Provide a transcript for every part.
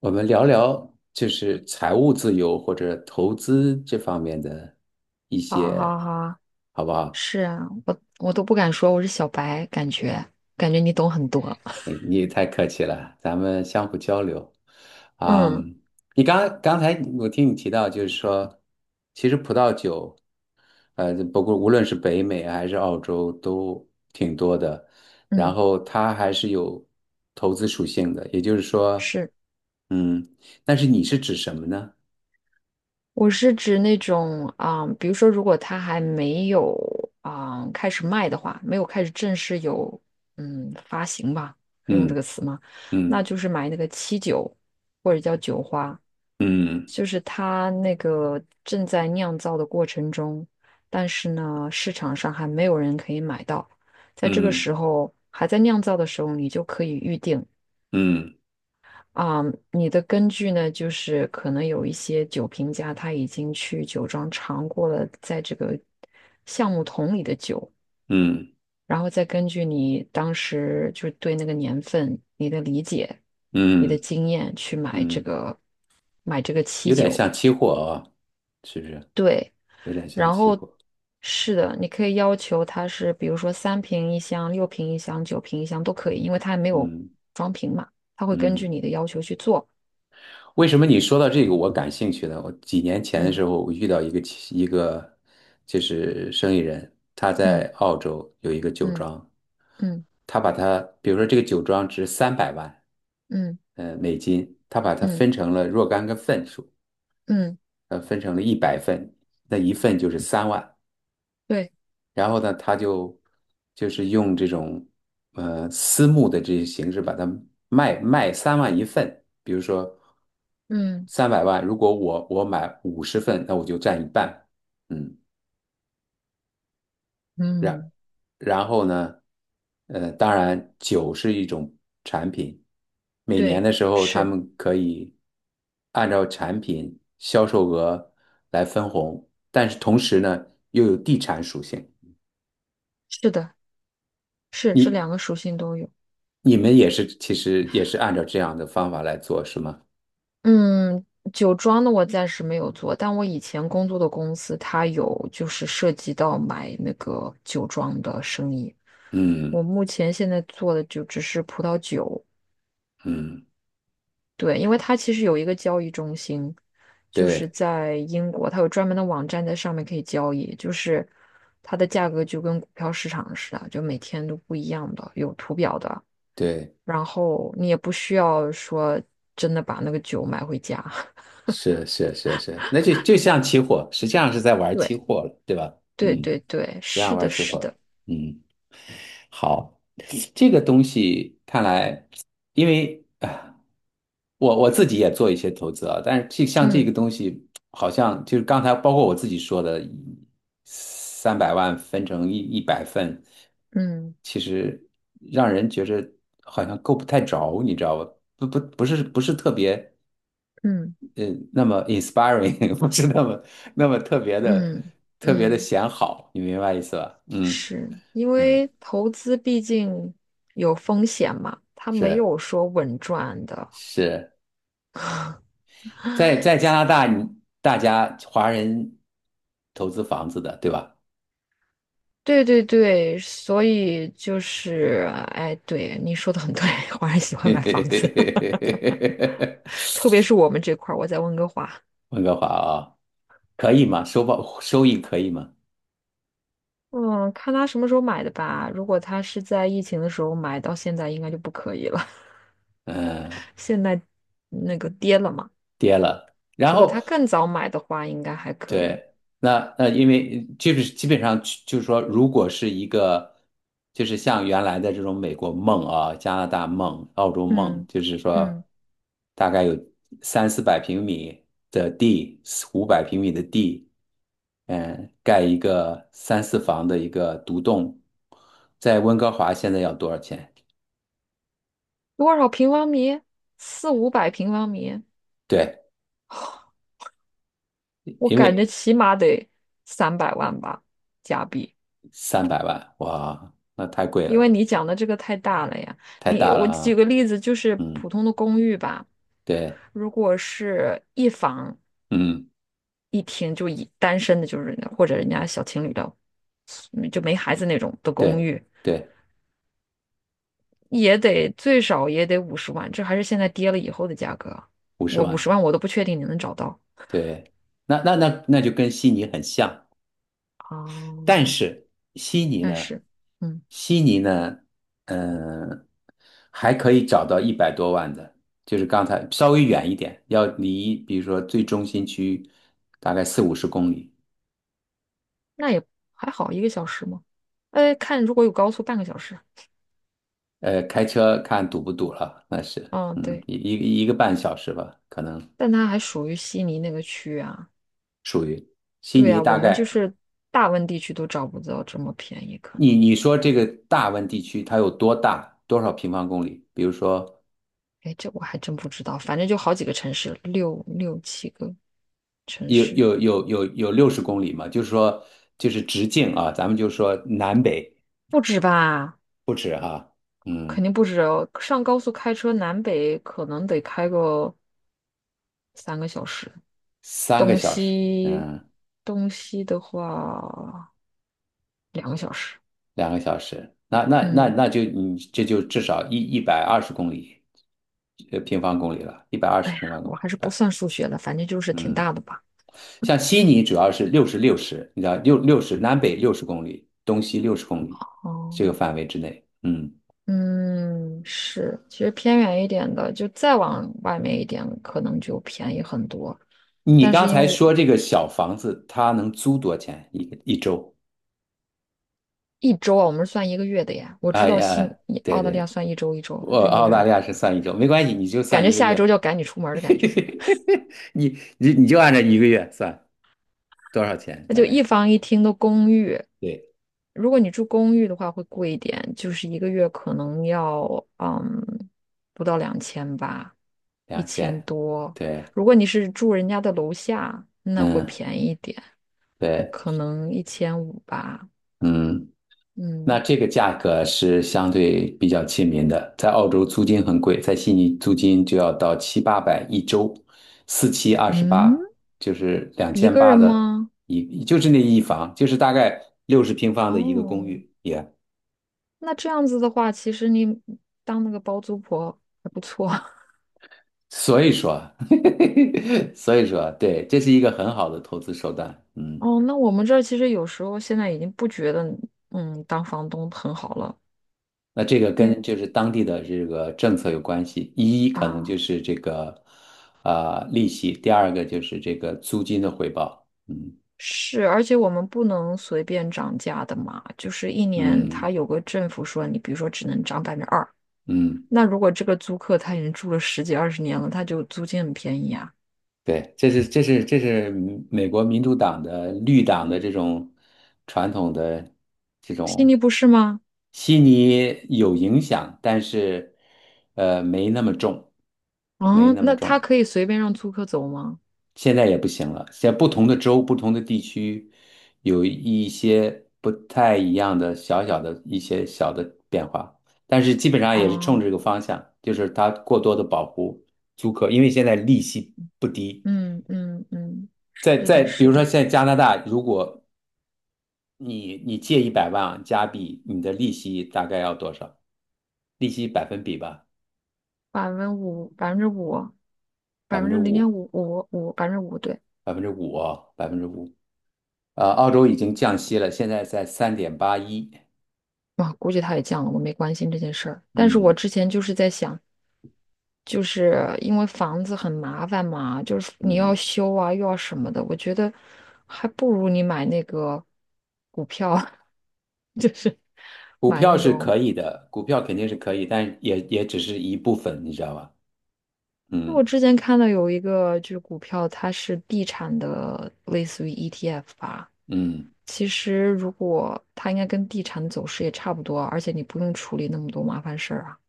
我们聊聊就是财务自由或者投资这方面的一好好些，好，好不好？是啊，我都不敢说我是小白，感觉你懂很多。你也太客气了，咱们相互交流。啊、嗯你刚刚才我听你提到，就是说，其实葡萄酒，不过无论是北美啊还是澳洲都挺多的，然嗯，后它还是有投资属性的，也就是说，是，嗯，但是你是指什么呢？我是指那种啊、比如说，如果他还没有啊、开始卖的话，没有开始正式有发行吧，可以用这嗯个词吗？那嗯就是买那个七九或者叫九花，嗯嗯。就是它那个正在酿造的过程中，但是呢，市场上还没有人可以买到。在这个嗯时候，还在酿造的时候，你就可以预定嗯啊、你的根据呢，就是可能有一些酒评家他已经去酒庄尝过了在这个橡木桶里的酒，嗯然后再根据你当时就是对那个年份、你的理解、你的嗯经验去买这嗯，个期有点酒。像期货啊，是不是？对，有点像然期后货。是的，你可以要求它是，比如说三瓶一箱、六瓶一箱、九瓶一箱都可以，因为它还没有嗯装瓶嘛，它会根据嗯，你的要求去做。为什么你说到这个我感兴趣呢？我几年前的时嗯候，我遇到一个就是生意人，他在嗯澳洲有一个酒嗯庄，嗯他把它，比如说这个酒庄值三百万，嗯美金，他把它嗯分成了若干个份数，嗯，分成了一百份，那一份就是三万，对，然后呢，他就是用这种私募的这些形式把它卖3万1份，比如说嗯三百万，如果我买50份，那我就占一半，嗯，然嗯，然后呢，当然酒是一种产品，每年对，的时候他是们可以按照产品销售额来分红，但是同时呢又有地产属性。是的，是这你。两个属性都有。你们也是，其实也是按照这样的方法来做，是吗？嗯，酒庄的我暂时没有做，但我以前工作的公司它有就是涉及到买那个酒庄的生意。我嗯目前现在做的就只是葡萄酒，嗯，对，因为它其实有一个交易中心，就是对在英国，它有专门的网站在上面可以交易，就是它的价格就跟股票市场似的，就每天都不一样的，有图表的，对，然后你也不需要说真的把那个酒买回家。是是是是，那就像期货，实际上是在玩期对，货了，对吧？嗯，对对对，实际上是的，玩期是的，货，嗯。好，这个东西看来，因为啊，我自己也做一些投资啊，但是这像这嗯个东西，好像就是刚才包括我自己说的，三百万分成一百份，嗯其实让人觉着好像够不太着，你知道吧？不是特别嗯呃那么 inspiring，不是那么特别的嗯特别的嗯，显好，你明白意思吧？嗯是因嗯，为投资毕竟有风险嘛，它没是有说稳赚的。是。在加拿大，大家华人投资房子的，对吧？对对对，所以就是，哎，对，你说的很对，华人喜欢买房子，特别是我们这块儿，我在温哥华。温哥华啊，可以吗？收益可以吗？嗯，看他什么时候买的吧。如果他是在疫情的时候买，到现在应该就不可以了。嗯，现在那个跌了嘛。跌了。然如果他后更早买的话，应该还可以。对，那因为基本上就是说，如果是一个就是像原来的这种美国梦啊、加拿大梦、澳洲梦，嗯就是嗯，说大概有3、400平米的地，500平米的地。嗯，盖一个三四房的一个独栋，在温哥华现在要多少钱？多少平方米？四五百平方米，对，我因感觉为起码得300万吧，加币。三百万，哇，那太贵因为了，你讲的这个太大了呀。太你大了我举啊。个例子，就是嗯，普通的公寓吧，对，如果是一房嗯，一厅，就以单身的，就是或者人家小情侣的，就没孩子那种的公对，寓，对，也得最少也得五十万，这还是现在跌了以后的价格。五十我五十万，万我都不确定你能找到。对，那就跟悉尼很像。但哦，是悉尼但呢，是，嗯，悉尼呢，嗯、还可以找到100多万的，就是刚才稍微远一点，要离比如说最中心区大概40-50公里，那也还好，一个小时嘛。哎，看如果有高速，半个小时。开车看堵不堵了，那是，嗯，对，一个半小时吧，可能但它还属于悉尼那个区啊。悉对尼呀，大我们就概，是大温地区都找不到这么便宜，可能。你说这个大温地区它有多大，多少平方公里？比如说哎，这我还真不知道，反正就好几个城市，六七个城有市，有有有有六十公里嘛，就是说就是直径啊，咱们就说南北。不止吧？不止哈，肯定嗯，不止哦。上高速开车南北可能得开个3个小时，三个东小时，西嗯，东西的话2个小时。2个小时，那那那嗯，那就你这就至少一百二十公里，平方公里了，一百二哎十呀，平方公我里，还是不算数学了，反正就是挺嗯，大的吧。像悉尼主要是六十六十，你知道六六十南北六十公里，东西六十公里哦，这个范围之内，嗯，嗯，是，其实偏远一点的，就再往外面一点，可能就便宜很多。你但刚是因为才我说这个小房子它能租多少钱一周？一周啊，我们是算一个月的呀，我知哎道新呀，对澳大利亚对，算一周一周，我这有澳点大儿利亚是算一周，没关系，你就感算觉一个下一周月。就要赶你出门儿的感觉。你就按照一个月算多少钱，那大就一概房一厅的公寓，对，如果你住公寓的话，会贵一点，就是一个月可能要嗯不到2000吧，一两千千，多。对，如果你是住人家的楼下，那会嗯，便宜一点，对，可能1500吧。嗯，那嗯这个价格是相对比较亲民的，在澳洲租金很贵，在悉尼租金就要到7、800一周，四七二十嗯，八，就是两一千个八人的吗？一，就是那一房，就是大概60平方的一个公哦，寓，那这样子的话，其实你当那个包租婆还不错。所以说，所以说，对，这是一个很好的投资手段，嗯。哦，那我们这儿其实有时候现在已经不觉得当房东很好了，那这个因跟为就是当地的这个政策有关系，可能就啊。是这个利息，第二个就是这个租金的回报。嗯是，而且我们不能随便涨价的嘛，就是一年它嗯有个政府说你，比如说只能涨2%，嗯，那如果这个租客他已经住了十几二十年了，他就租金很便宜啊，对，这是美国民主党的绿党的这种传统的这悉尼种。不是吗？悉尼有影响，但是没那么重，没嗯，那么那他重。可以随便让租客走吗？现在也不行了。现在不同的州、不同的地区，有一些不太一样的小小的一些小的变化，但是基本上也是冲啊，着这个方向，就是它过多的保护租客，因为现在利息不低。嗯嗯嗯，在是在的，比如是说的，现在加拿大，如果你借100万加币，你的利息大概要多少？利息百分比吧，百分之五，百分之五，百百分分之之零点五，五五五，百分之五，对。百分之五哦，百分之五。澳洲已经降息了，现在在3.81。哇，估计他也降了，我没关心这件事儿。但是我嗯，之前就是在想，就是因为房子很麻烦嘛，就是你要嗯，修啊，又要什么的，我觉得还不如你买那个股票，就是股买票那是种。可以的，股票肯定是可以，但也只是一部分，你知道吧？因为我嗯之前看到有一个就是股票，它是地产的，类似于 ETF 吧。嗯其实如果它应该跟地产走势也差不多啊，而且你不用处理那么多麻烦事儿啊。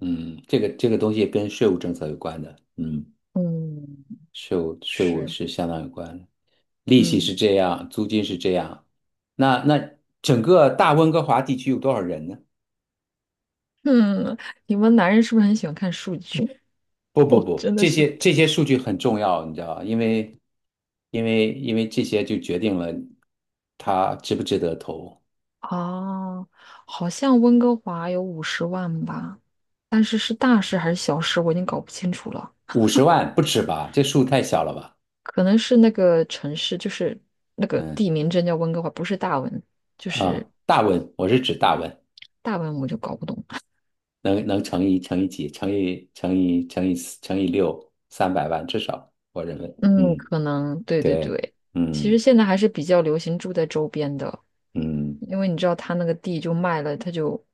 嗯，这个东西跟税务政策有关的，嗯，嗯，税务是，是相当有关的，利息嗯是这样，租金是这样，那整个大温哥华地区有多少人呢？嗯，你们男人是不是很喜欢看数据？不 不我不，真的这是。些这些数据很重要，你知道吧？因为这些就决定了它值不值得投，哦，好像温哥华有五十万吧，但是是大事还是小事，我已经搞不清楚了。五十万不止吧？这数太小了吧？可能是那个城市，就是那个嗯。地名真叫温哥华，不是大文，啊，大文，我是指大文，大文我就搞不懂。能乘以几，乘以四乘以六，三百万至少，我认为，嗯，嗯，可能对对对，对。其实嗯现在还是比较流行住在周边的，嗯，因为你知道他那个地就卖了，他就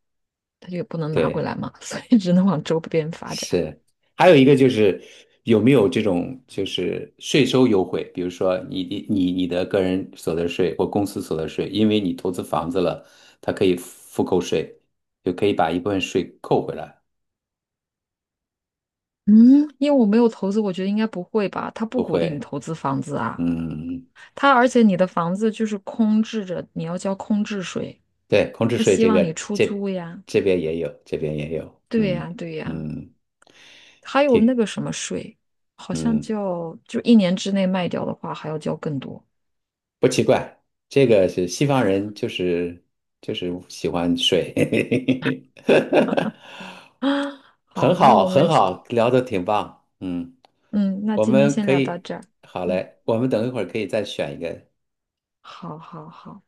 他就也不能拿回对，来嘛，所以只能往周边发展。是。还有一个就是有没有这种就是税收优惠，比如说你的个人所得税或公司所得税，因为你投资房子了，它可以复扣税，就可以把一部分税扣回来，嗯，因为我没有投资，我觉得应该不会吧？他不不鼓励你会，投资房子啊。嗯他而且你的房子就是空置着，你要交空置税，对，空置他税希这望你个出这租呀。这边也有，这边也有，对嗯呀，对呀，嗯，还有那挺个什么税，好像嗯叫就一年之内卖掉的话，还要交更多不奇怪，这个是西方人就是喜欢水，啊。很好，那好我很们好，聊的挺棒，嗯，嗯，那我今天们先可聊到以这儿。好嗯，嘞，我们等一会儿可以再选一个好好好。嗯。